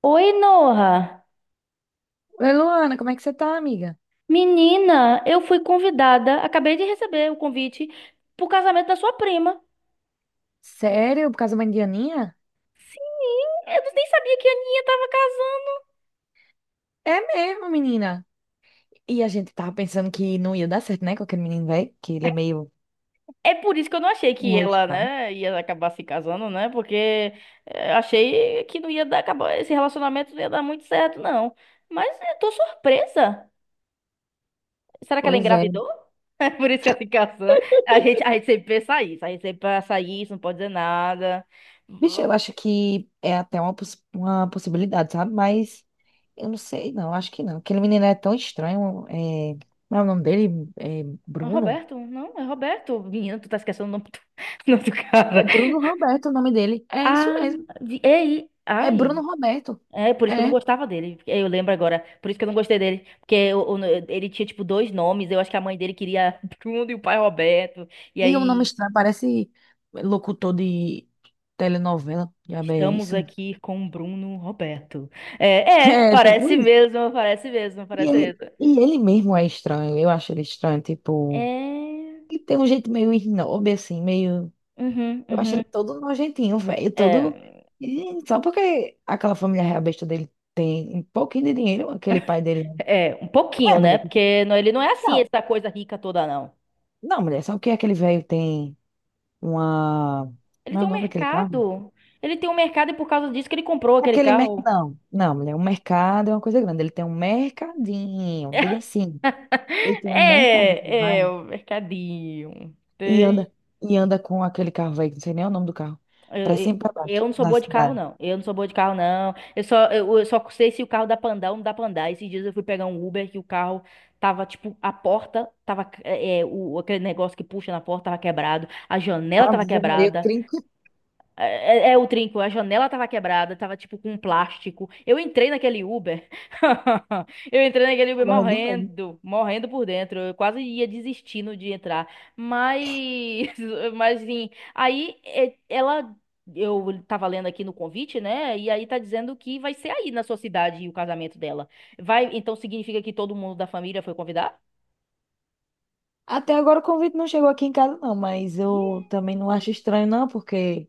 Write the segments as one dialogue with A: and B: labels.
A: Oi, Noah.
B: Oi, Luana, como é que você tá, amiga?
A: Menina, eu fui convidada, acabei de receber o convite pro casamento da sua prima.
B: Sério? Por causa da Indianinha?
A: Sim, eu nem sabia que a Aninha tava casando.
B: É mesmo, menina. E a gente tava pensando que não ia dar certo, né, com aquele menino velho, que ele é meio.
A: É por isso que eu não achei que
B: É
A: ela,
B: estranho.
A: né, ia acabar se casando, né? Porque achei que não ia dar, acabar, esse relacionamento não ia dar muito certo, não. Mas eu tô surpresa. Será que ela
B: Pois é.
A: engravidou? É por isso que ela se casando. A gente sempre pensa isso, a gente sempre pensa isso, não pode dizer nada.
B: Bicho, eu acho que é até uma possibilidade, sabe? Mas eu não sei, não, acho que não. Aquele menino é tão estranho. É. Como é o nome dele? É
A: É o
B: Bruno?
A: Roberto? Não, é Roberto. Menina, tu tá esquecendo o nome do, o nome do
B: É
A: cara.
B: Bruno Roberto o nome dele. É isso
A: Ah,
B: mesmo.
A: ei,
B: É
A: ai.
B: Bruno Roberto.
A: É, por isso que eu não
B: É.
A: gostava dele. Eu lembro agora. Por isso que eu não gostei dele. Porque ele tinha, tipo, dois nomes. Eu acho que a mãe dele queria Bruno e o pai Roberto. E
B: E um nome
A: aí,
B: estranho, parece locutor de telenovela. Já é
A: estamos
B: isso.
A: aqui com Bruno Roberto. É,
B: É,
A: parece
B: tipo isso.
A: mesmo, parece mesmo,
B: E
A: parece
B: ele,
A: mesmo.
B: e ele mesmo é estranho. Eu acho ele estranho, tipo.
A: É.
B: Ele tem um jeito meio snob, assim, meio.
A: Uhum,
B: Eu acho ele
A: uhum.
B: todo nojentinho, velho. Todo.
A: É,
B: E só porque aquela família real besta dele tem um pouquinho de dinheiro, aquele pai dele.
A: é, um
B: É,
A: pouquinho, né?
B: mulher.
A: Porque não, ele não é assim,
B: Não,
A: essa coisa rica toda, não.
B: não, mulher. Só que aquele velho tem uma.
A: Ele
B: Não é
A: tem
B: o
A: um
B: nome daquele carro?
A: mercado. Ele tem um mercado e por causa disso que ele comprou aquele
B: Aquele
A: carro.
B: mercado. Não, não, mulher, o mercado é uma coisa grande. Ele tem um mercadinho, diga assim. Ele tem um mercadinho de
A: É,
B: bairro
A: o mercadinho.
B: e
A: Tem.
B: anda com aquele carro velho, que não sei nem o nome do carro,
A: Eu,
B: pra cima
A: eu-
B: e pra
A: eu
B: baixo,
A: não sou
B: na
A: boa de carro,
B: cidade.
A: não. Eu não sou boa de carro, não. Eu só sei se o carro dá pra andar ou não dá pra andar. Esses dias eu fui pegar um Uber que o carro tava, tipo, a porta tava, aquele negócio que puxa na porta tava quebrado, a janela tava
B: Ave Maria, eu
A: quebrada.
B: trinco e
A: É o trinco, a janela tava quebrada, tava tipo com plástico. Eu entrei naquele Uber. Eu entrei naquele Uber
B: pulo do meio.
A: morrendo, morrendo por dentro. Eu quase ia desistindo de entrar. Mas, mas enfim, aí é, ela. Eu tava lendo aqui no convite, né? E aí tá dizendo que vai ser aí na sua cidade o casamento dela. Vai, então significa que todo mundo da família foi convidado?
B: Até agora o convite não chegou aqui em casa, não, mas eu também não acho estranho, não, porque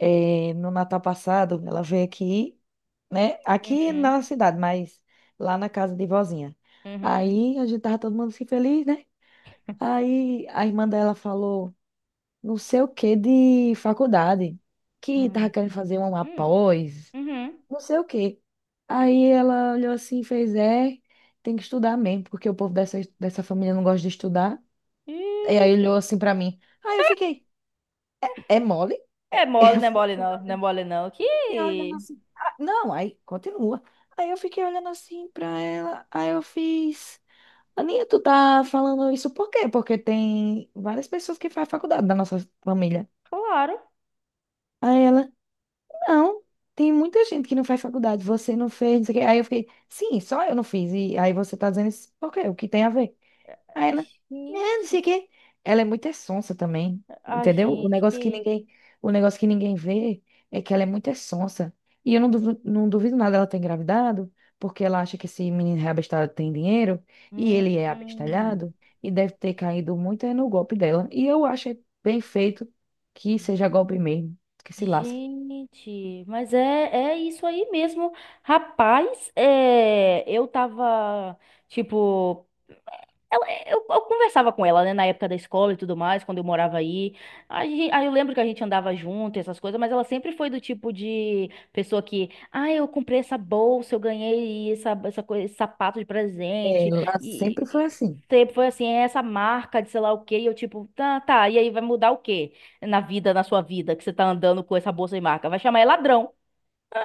B: no Natal passado ela veio aqui, né? Aqui
A: Uhum,
B: na cidade, mas lá na casa de vozinha.
A: uhum,
B: Aí a gente tava todo mundo assim feliz, né? Aí a irmã dela falou, não sei o que de faculdade, que tava
A: uhum,
B: querendo fazer uma
A: uhum,
B: pós,
A: uhum.
B: não sei o que. Aí ela olhou assim e fez, é, tem que estudar mesmo, porque o povo dessa família não gosta de estudar. E
A: Ih,
B: aí olhou assim pra mim. Aí eu fiquei, é mole?
A: é
B: É.
A: mole,
B: Eu
A: não é mole
B: fiquei,
A: não, não é mole não. Que,
B: fiquei olhando assim. "Ah, não, aí continua. Aí eu fiquei olhando assim pra ela. Aí eu fiz. Aninha, tu tá falando isso por quê? Porque tem várias pessoas que fazem faculdade da nossa família.
A: claro.
B: Aí ela, não, tem muita gente que não faz faculdade, você não fez, não sei o quê. Aí eu fiquei, sim, só eu não fiz. E aí você tá dizendo isso por quê? O que tem a ver? Aí ela, né, não
A: Gente,
B: sei o quê. Ela é muito é sonsa também,
A: a
B: entendeu? O
A: gente
B: negócio que
A: que...
B: ninguém, o negócio que ninguém vê é que ela é muito é sonsa. E eu não duvido, não duvido nada ela ter engravidado, porque ela acha que esse menino reabestalhado tem dinheiro, e
A: Hum,
B: ele é abestalhado, e deve ter caído muito é no golpe dela. E eu acho é bem feito que seja golpe mesmo, que se lasque.
A: gente, mas é isso aí mesmo. Rapaz, eu tava, tipo, ela, eu conversava com ela, né, na época da escola e tudo mais, quando eu morava aí. Aí, eu lembro que a gente andava junto, e essas coisas, mas ela sempre foi do tipo de pessoa que, ah, eu comprei essa bolsa, eu ganhei essa coisa, esse sapato de presente,
B: Ela
A: e,
B: sempre foi
A: e
B: assim.
A: sempre foi assim, "É essa marca de sei lá o quê, e eu tipo, tá, tá, e aí vai mudar o quê na vida, na sua vida, que você tá andando com essa bolsa de marca? Vai chamar é ladrão,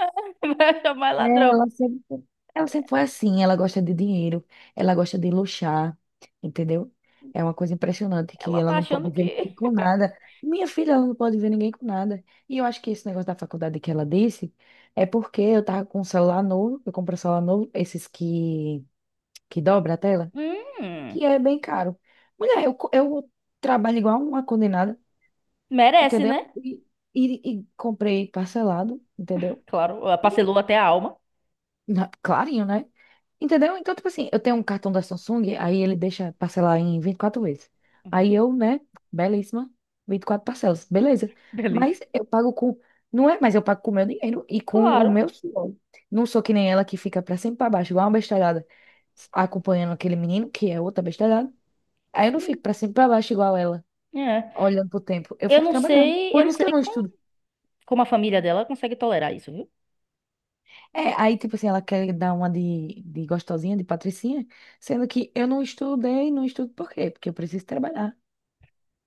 A: vai chamar é
B: É,
A: ladrão.
B: ela sempre foi assim, ela gosta de dinheiro, ela gosta de luxar, entendeu? É uma coisa impressionante que
A: Ela
B: ela
A: tá
B: não
A: achando
B: pode
A: que,
B: ver ninguém com nada. Minha filha, ela não pode ver ninguém com nada. E eu acho que esse negócio da faculdade que ela disse é porque eu tava com um celular novo, eu comprei um celular novo, esses que dobra a tela,
A: hum,
B: que é bem caro. Mulher, eu trabalho igual uma condenada,
A: merece,
B: entendeu?
A: né?
B: E comprei parcelado, entendeu?
A: Claro, ela parcelou até a alma.
B: Na- Clarinho, né? Entendeu? Então, tipo assim, eu tenho um cartão da Samsung, aí ele deixa parcelar em 24 vezes.
A: Uhum.
B: Aí eu, né, belíssima, 24 parcelas, beleza.
A: Delícia.
B: Mas eu pago com. Não é, mas eu pago com o meu dinheiro e com o
A: Claro,
B: meu suor. Não sou que nem ela que fica pra sempre pra baixo, igual uma bestalhada, acompanhando aquele menino, que é outra bestalhada. Aí eu não
A: sim,
B: fico pra sempre pra baixo igual ela,
A: é.
B: olhando pro tempo. Eu fico trabalhando. Por
A: Eu não
B: isso que eu
A: sei
B: não
A: como,
B: estudo.
A: como a família dela consegue tolerar isso, viu?
B: É, aí, tipo assim, ela quer dar uma de gostosinha, de patricinha, sendo que eu não estudei, não estudo por quê? Porque eu preciso trabalhar.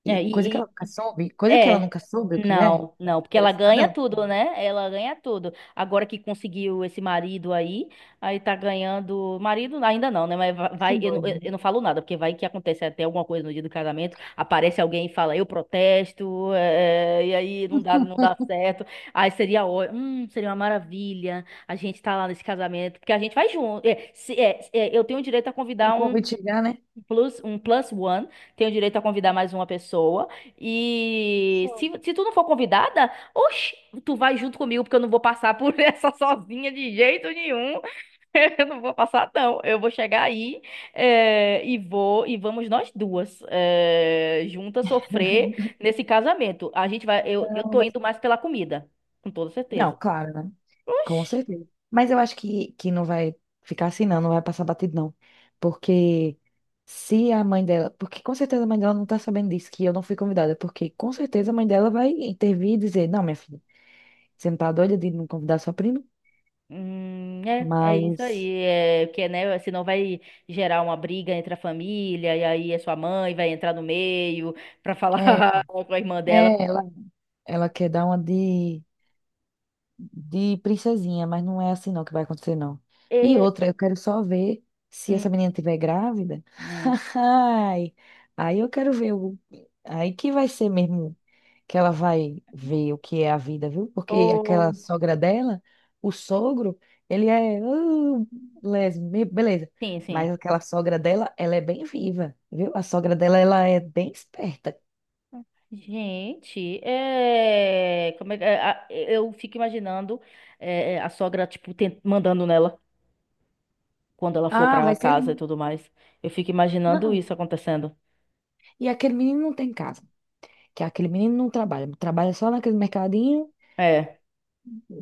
A: É,
B: E coisa que
A: e-
B: ela nunca soube, coisa que ela
A: É.
B: nunca soube o que é,
A: Não, não, porque
B: carteira
A: ela
B: assinada,
A: ganha
B: ela não
A: tudo,
B: sabe.
A: né? Ela ganha tudo. Agora que conseguiu esse marido aí, aí tá ganhando. Marido ainda não, né? Mas
B: Esse
A: vai, eu, não-
B: doido,
A: eu
B: né?
A: eu não falo nada, porque vai que acontece até alguma coisa no dia do casamento, aparece alguém e fala, eu protesto, e aí não dá, não dá certo. Aí seria, seria uma maravilha a gente tá lá nesse casamento, porque a gente vai junto. Eu tenho o direito a
B: Se o
A: convidar
B: convite chegar, né?
A: um plus one, tenho direito a convidar mais uma pessoa. E
B: Sou.
A: se tu não for convidada, oxi, tu vai junto comigo, porque eu não vou passar por essa sozinha de jeito nenhum. Eu não vou passar, não. Eu vou chegar aí, e vou, e vamos nós duas, juntas sofrer nesse casamento. A gente vai, eu
B: Não,
A: tô
B: mas.
A: indo mais pela comida, com toda
B: Não,
A: certeza.
B: claro, né? Com
A: Oxi.
B: certeza. Mas eu acho que não vai ficar assim, não, não vai passar batido, não. Porque se a mãe dela. Porque com certeza a mãe dela não tá sabendo disso, que eu não fui convidada. Porque com certeza a mãe dela vai intervir e dizer: Não, minha filha. Você não tá doida de não convidar sua prima?
A: É isso
B: Mas
A: aí. É, porque, né, senão vai gerar uma briga entre a família, e aí a sua mãe vai entrar no meio pra
B: é,
A: falar com a irmã dela.
B: é ela, ela quer dar uma de princesinha, mas não é assim não que vai acontecer, não. E
A: E,
B: outra, eu quero só ver se essa
A: hum,
B: menina tiver grávida.
A: hum.
B: Ai, aí eu quero ver o, aí que vai ser mesmo que ela vai ver o que é a vida, viu? Porque
A: Oh,
B: aquela sogra dela, o sogro, ele é les- be- beleza.
A: sim, sim.
B: Mas aquela sogra dela, ela é bem viva, viu? A sogra dela, ela é bem esperta.
A: Gente, como é, eu fico imaginando a sogra, tipo, mandando nela quando ela for
B: Ah,
A: pra
B: vai ser
A: casa e
B: lindo.
A: tudo mais. Eu fico imaginando
B: Não,
A: isso acontecendo.
B: e aquele menino não tem casa, que aquele menino não trabalha, trabalha só naquele mercadinho,
A: É.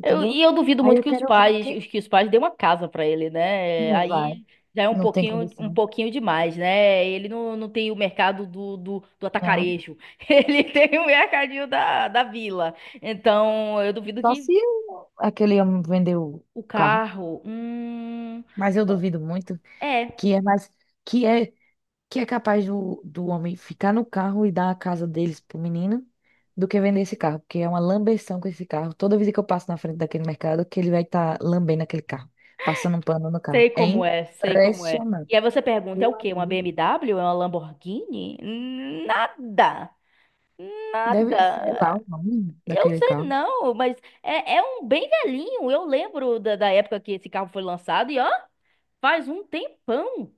A: E eu duvido
B: Aí
A: muito
B: eu
A: que os
B: quero ver o
A: pais,
B: que
A: que os pais dêem uma casa pra ele, né?
B: não vai,
A: Aí já é
B: não tem
A: um
B: condição.
A: pouquinho demais, né? Ele não, não tem o mercado do
B: Não.
A: atacarejo. Ele tem o mercadinho da vila. Então, eu duvido
B: Só se
A: que
B: o- aquele homem vender o
A: o
B: carro,
A: carro,
B: mas eu
A: pô,
B: duvido muito.
A: é,
B: Que é mais que é que é capaz do homem ficar no carro e dar a casa deles pro menino do que vender esse carro, porque é uma lambeção com esse carro. Toda vez que eu passo na frente daquele mercado, que ele vai estar lambendo aquele carro, passando um pano no carro.
A: sei
B: É
A: como é, sei como é.
B: impressionante.
A: E aí você pergunta, é o
B: Meu
A: quê? Uma
B: amigo.
A: BMW? É uma Lamborghini? Nada,
B: Deve ser lá
A: nada.
B: o nome
A: Eu
B: daquele
A: sei
B: carro.
A: não, mas é um bem velhinho. Eu lembro da época que esse carro foi lançado e ó, faz um tempão.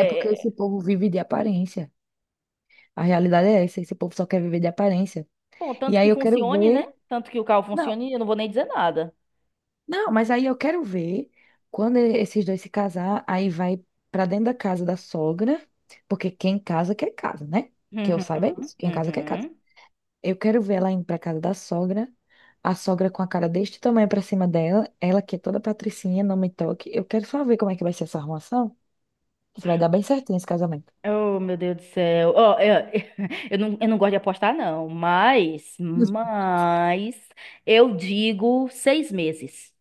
B: É porque
A: é,
B: esse povo vive de aparência. A realidade é essa, esse povo só quer viver de aparência.
A: bom,
B: E
A: tanto
B: aí
A: que
B: eu quero
A: funcione, né?
B: ver.
A: Tanto que o carro
B: Não,
A: funcione, eu não vou nem dizer nada.
B: não, mas aí eu quero ver quando esses dois se casar, aí vai pra dentro da casa da sogra, porque quem casa quer casa, né? Que eu
A: Uhum,
B: saiba é isso, quem casa quer casa.
A: uhum.
B: Eu quero ver ela indo pra casa da sogra, a sogra com a cara deste tamanho pra cima dela, ela que é toda patricinha, não me toque. Eu quero só ver como é que vai ser essa arrumação, se vai dar bem certinho esse casamento.
A: Oh, meu Deus do céu. Ó, eu, eu não gosto de apostar, não. Mas, mas, eu digo 6 meses.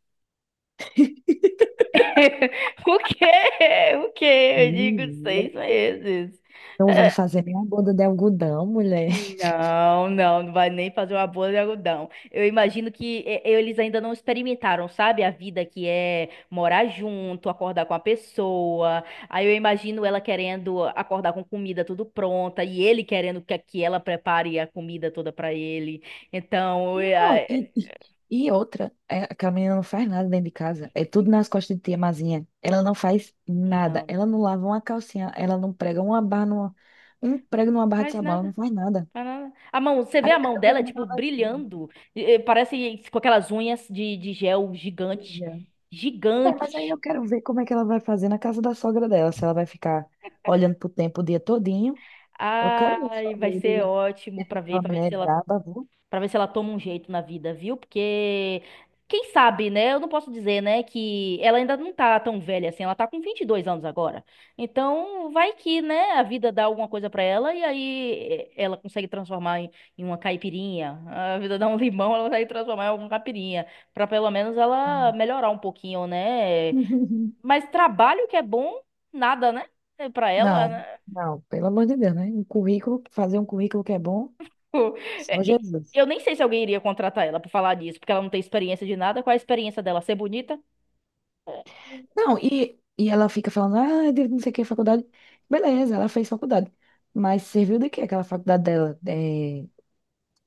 A: O quê? O quê? Eu digo
B: Menina.
A: seis meses.
B: Não vai
A: É.
B: fazer nem a boda de algodão, mulher.
A: Não, não, não vai nem fazer uma boa de algodão. Eu imagino que eles ainda não experimentaram, sabe? A vida que é morar junto, acordar com a pessoa. Aí eu imagino ela querendo acordar com comida tudo pronta e ele querendo que ela prepare a comida toda pra ele. Então,
B: Não, e, e e outra, é, aquela menina não faz nada dentro de casa. É tudo nas costas de tia Mazinha. Ela não faz nada.
A: não,
B: Ela não lava uma calcinha. Ela não prega uma barra numa, um prego numa barra de
A: faz
B: sabão. Ela
A: nada.
B: não faz nada.
A: Faz nada. A mão, você vê
B: Aí
A: a
B: eu
A: mão
B: quero ver
A: dela,
B: como é que
A: tipo,
B: ela vai fazer.
A: brilhando. Parece com aquelas unhas de gel gigante.
B: Veja. É, mas aí
A: Gigante.
B: eu quero ver como é que ela vai fazer na casa da sogra dela. Se ela vai ficar olhando pro tempo o dia todinho. Eu quero ver só
A: Ai, vai
B: ver do
A: ser
B: jeito que
A: ótimo pra ver,
B: aquela mulher é braba, viu?
A: para ver se ela toma um jeito na vida, viu? Porque quem sabe, né? Eu não posso dizer, né, que ela ainda não tá tão velha assim, ela tá com 22 anos agora. Então, vai que, né, a vida dá alguma coisa pra ela e aí ela consegue transformar em uma caipirinha. A vida dá um limão, ela consegue transformar em alguma caipirinha, pra pelo menos ela melhorar um pouquinho, né? Mas trabalho que é bom, nada, né? Pra ela,
B: Não,
A: né?
B: não, pelo amor de Deus, né? Um currículo, fazer um currículo que é bom,
A: Tipo,
B: só
A: é,
B: Jesus.
A: eu nem sei se alguém iria contratar ela pra falar disso, porque ela não tem experiência de nada. Qual é a experiência dela? Ser bonita?
B: Não, e ela fica falando, ah, de não sei o que, faculdade. Beleza, ela fez faculdade. Mas serviu de quê aquela faculdade dela? É,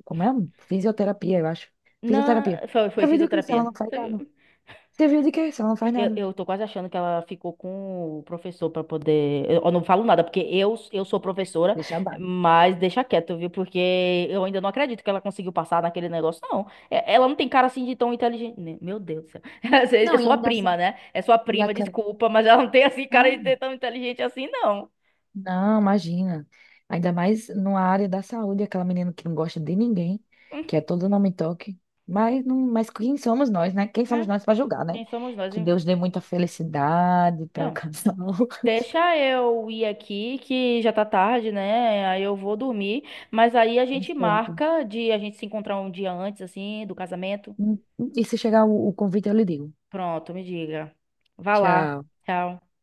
B: como é? Fisioterapia, eu acho. Fisioterapia.
A: Não, foi
B: Serviu de quê se ela
A: fisioterapia.
B: não faz nada? Serviu de quê se ela não faz
A: Eu,
B: nada?
A: eu tô quase achando que ela ficou com o professor pra poder. Eu não falo nada, porque eu sou professora,
B: Deixa abaixo.
A: mas deixa quieto, viu? Porque eu ainda não acredito que ela conseguiu passar naquele negócio, não. Ela não tem cara assim de tão inteligente. Meu Deus do céu. É
B: Não, e
A: sua
B: ainda assim,
A: prima, né? É sua
B: e
A: prima,
B: aquela.
A: desculpa, mas ela não tem assim cara de ser
B: Não.
A: tão inteligente assim, não.
B: Não, imagina. Ainda mais numa área da saúde, aquela menina que não gosta de ninguém, que é todo nome e toque. Mas, não, mas quem somos nós, né? Quem somos
A: É.
B: nós para julgar, né?
A: Quem somos nós?
B: Que Deus dê muita felicidade para o
A: É,
B: casal.
A: deixa eu ir aqui, que já tá tarde, né? Aí eu vou dormir. Mas aí a
B: Tá
A: gente
B: certo.
A: marca de a gente se encontrar um dia antes, assim, do casamento.
B: E se chegar o convite, eu lhe digo.
A: Pronto, me diga. Vá lá.
B: Tchau.
A: Tchau.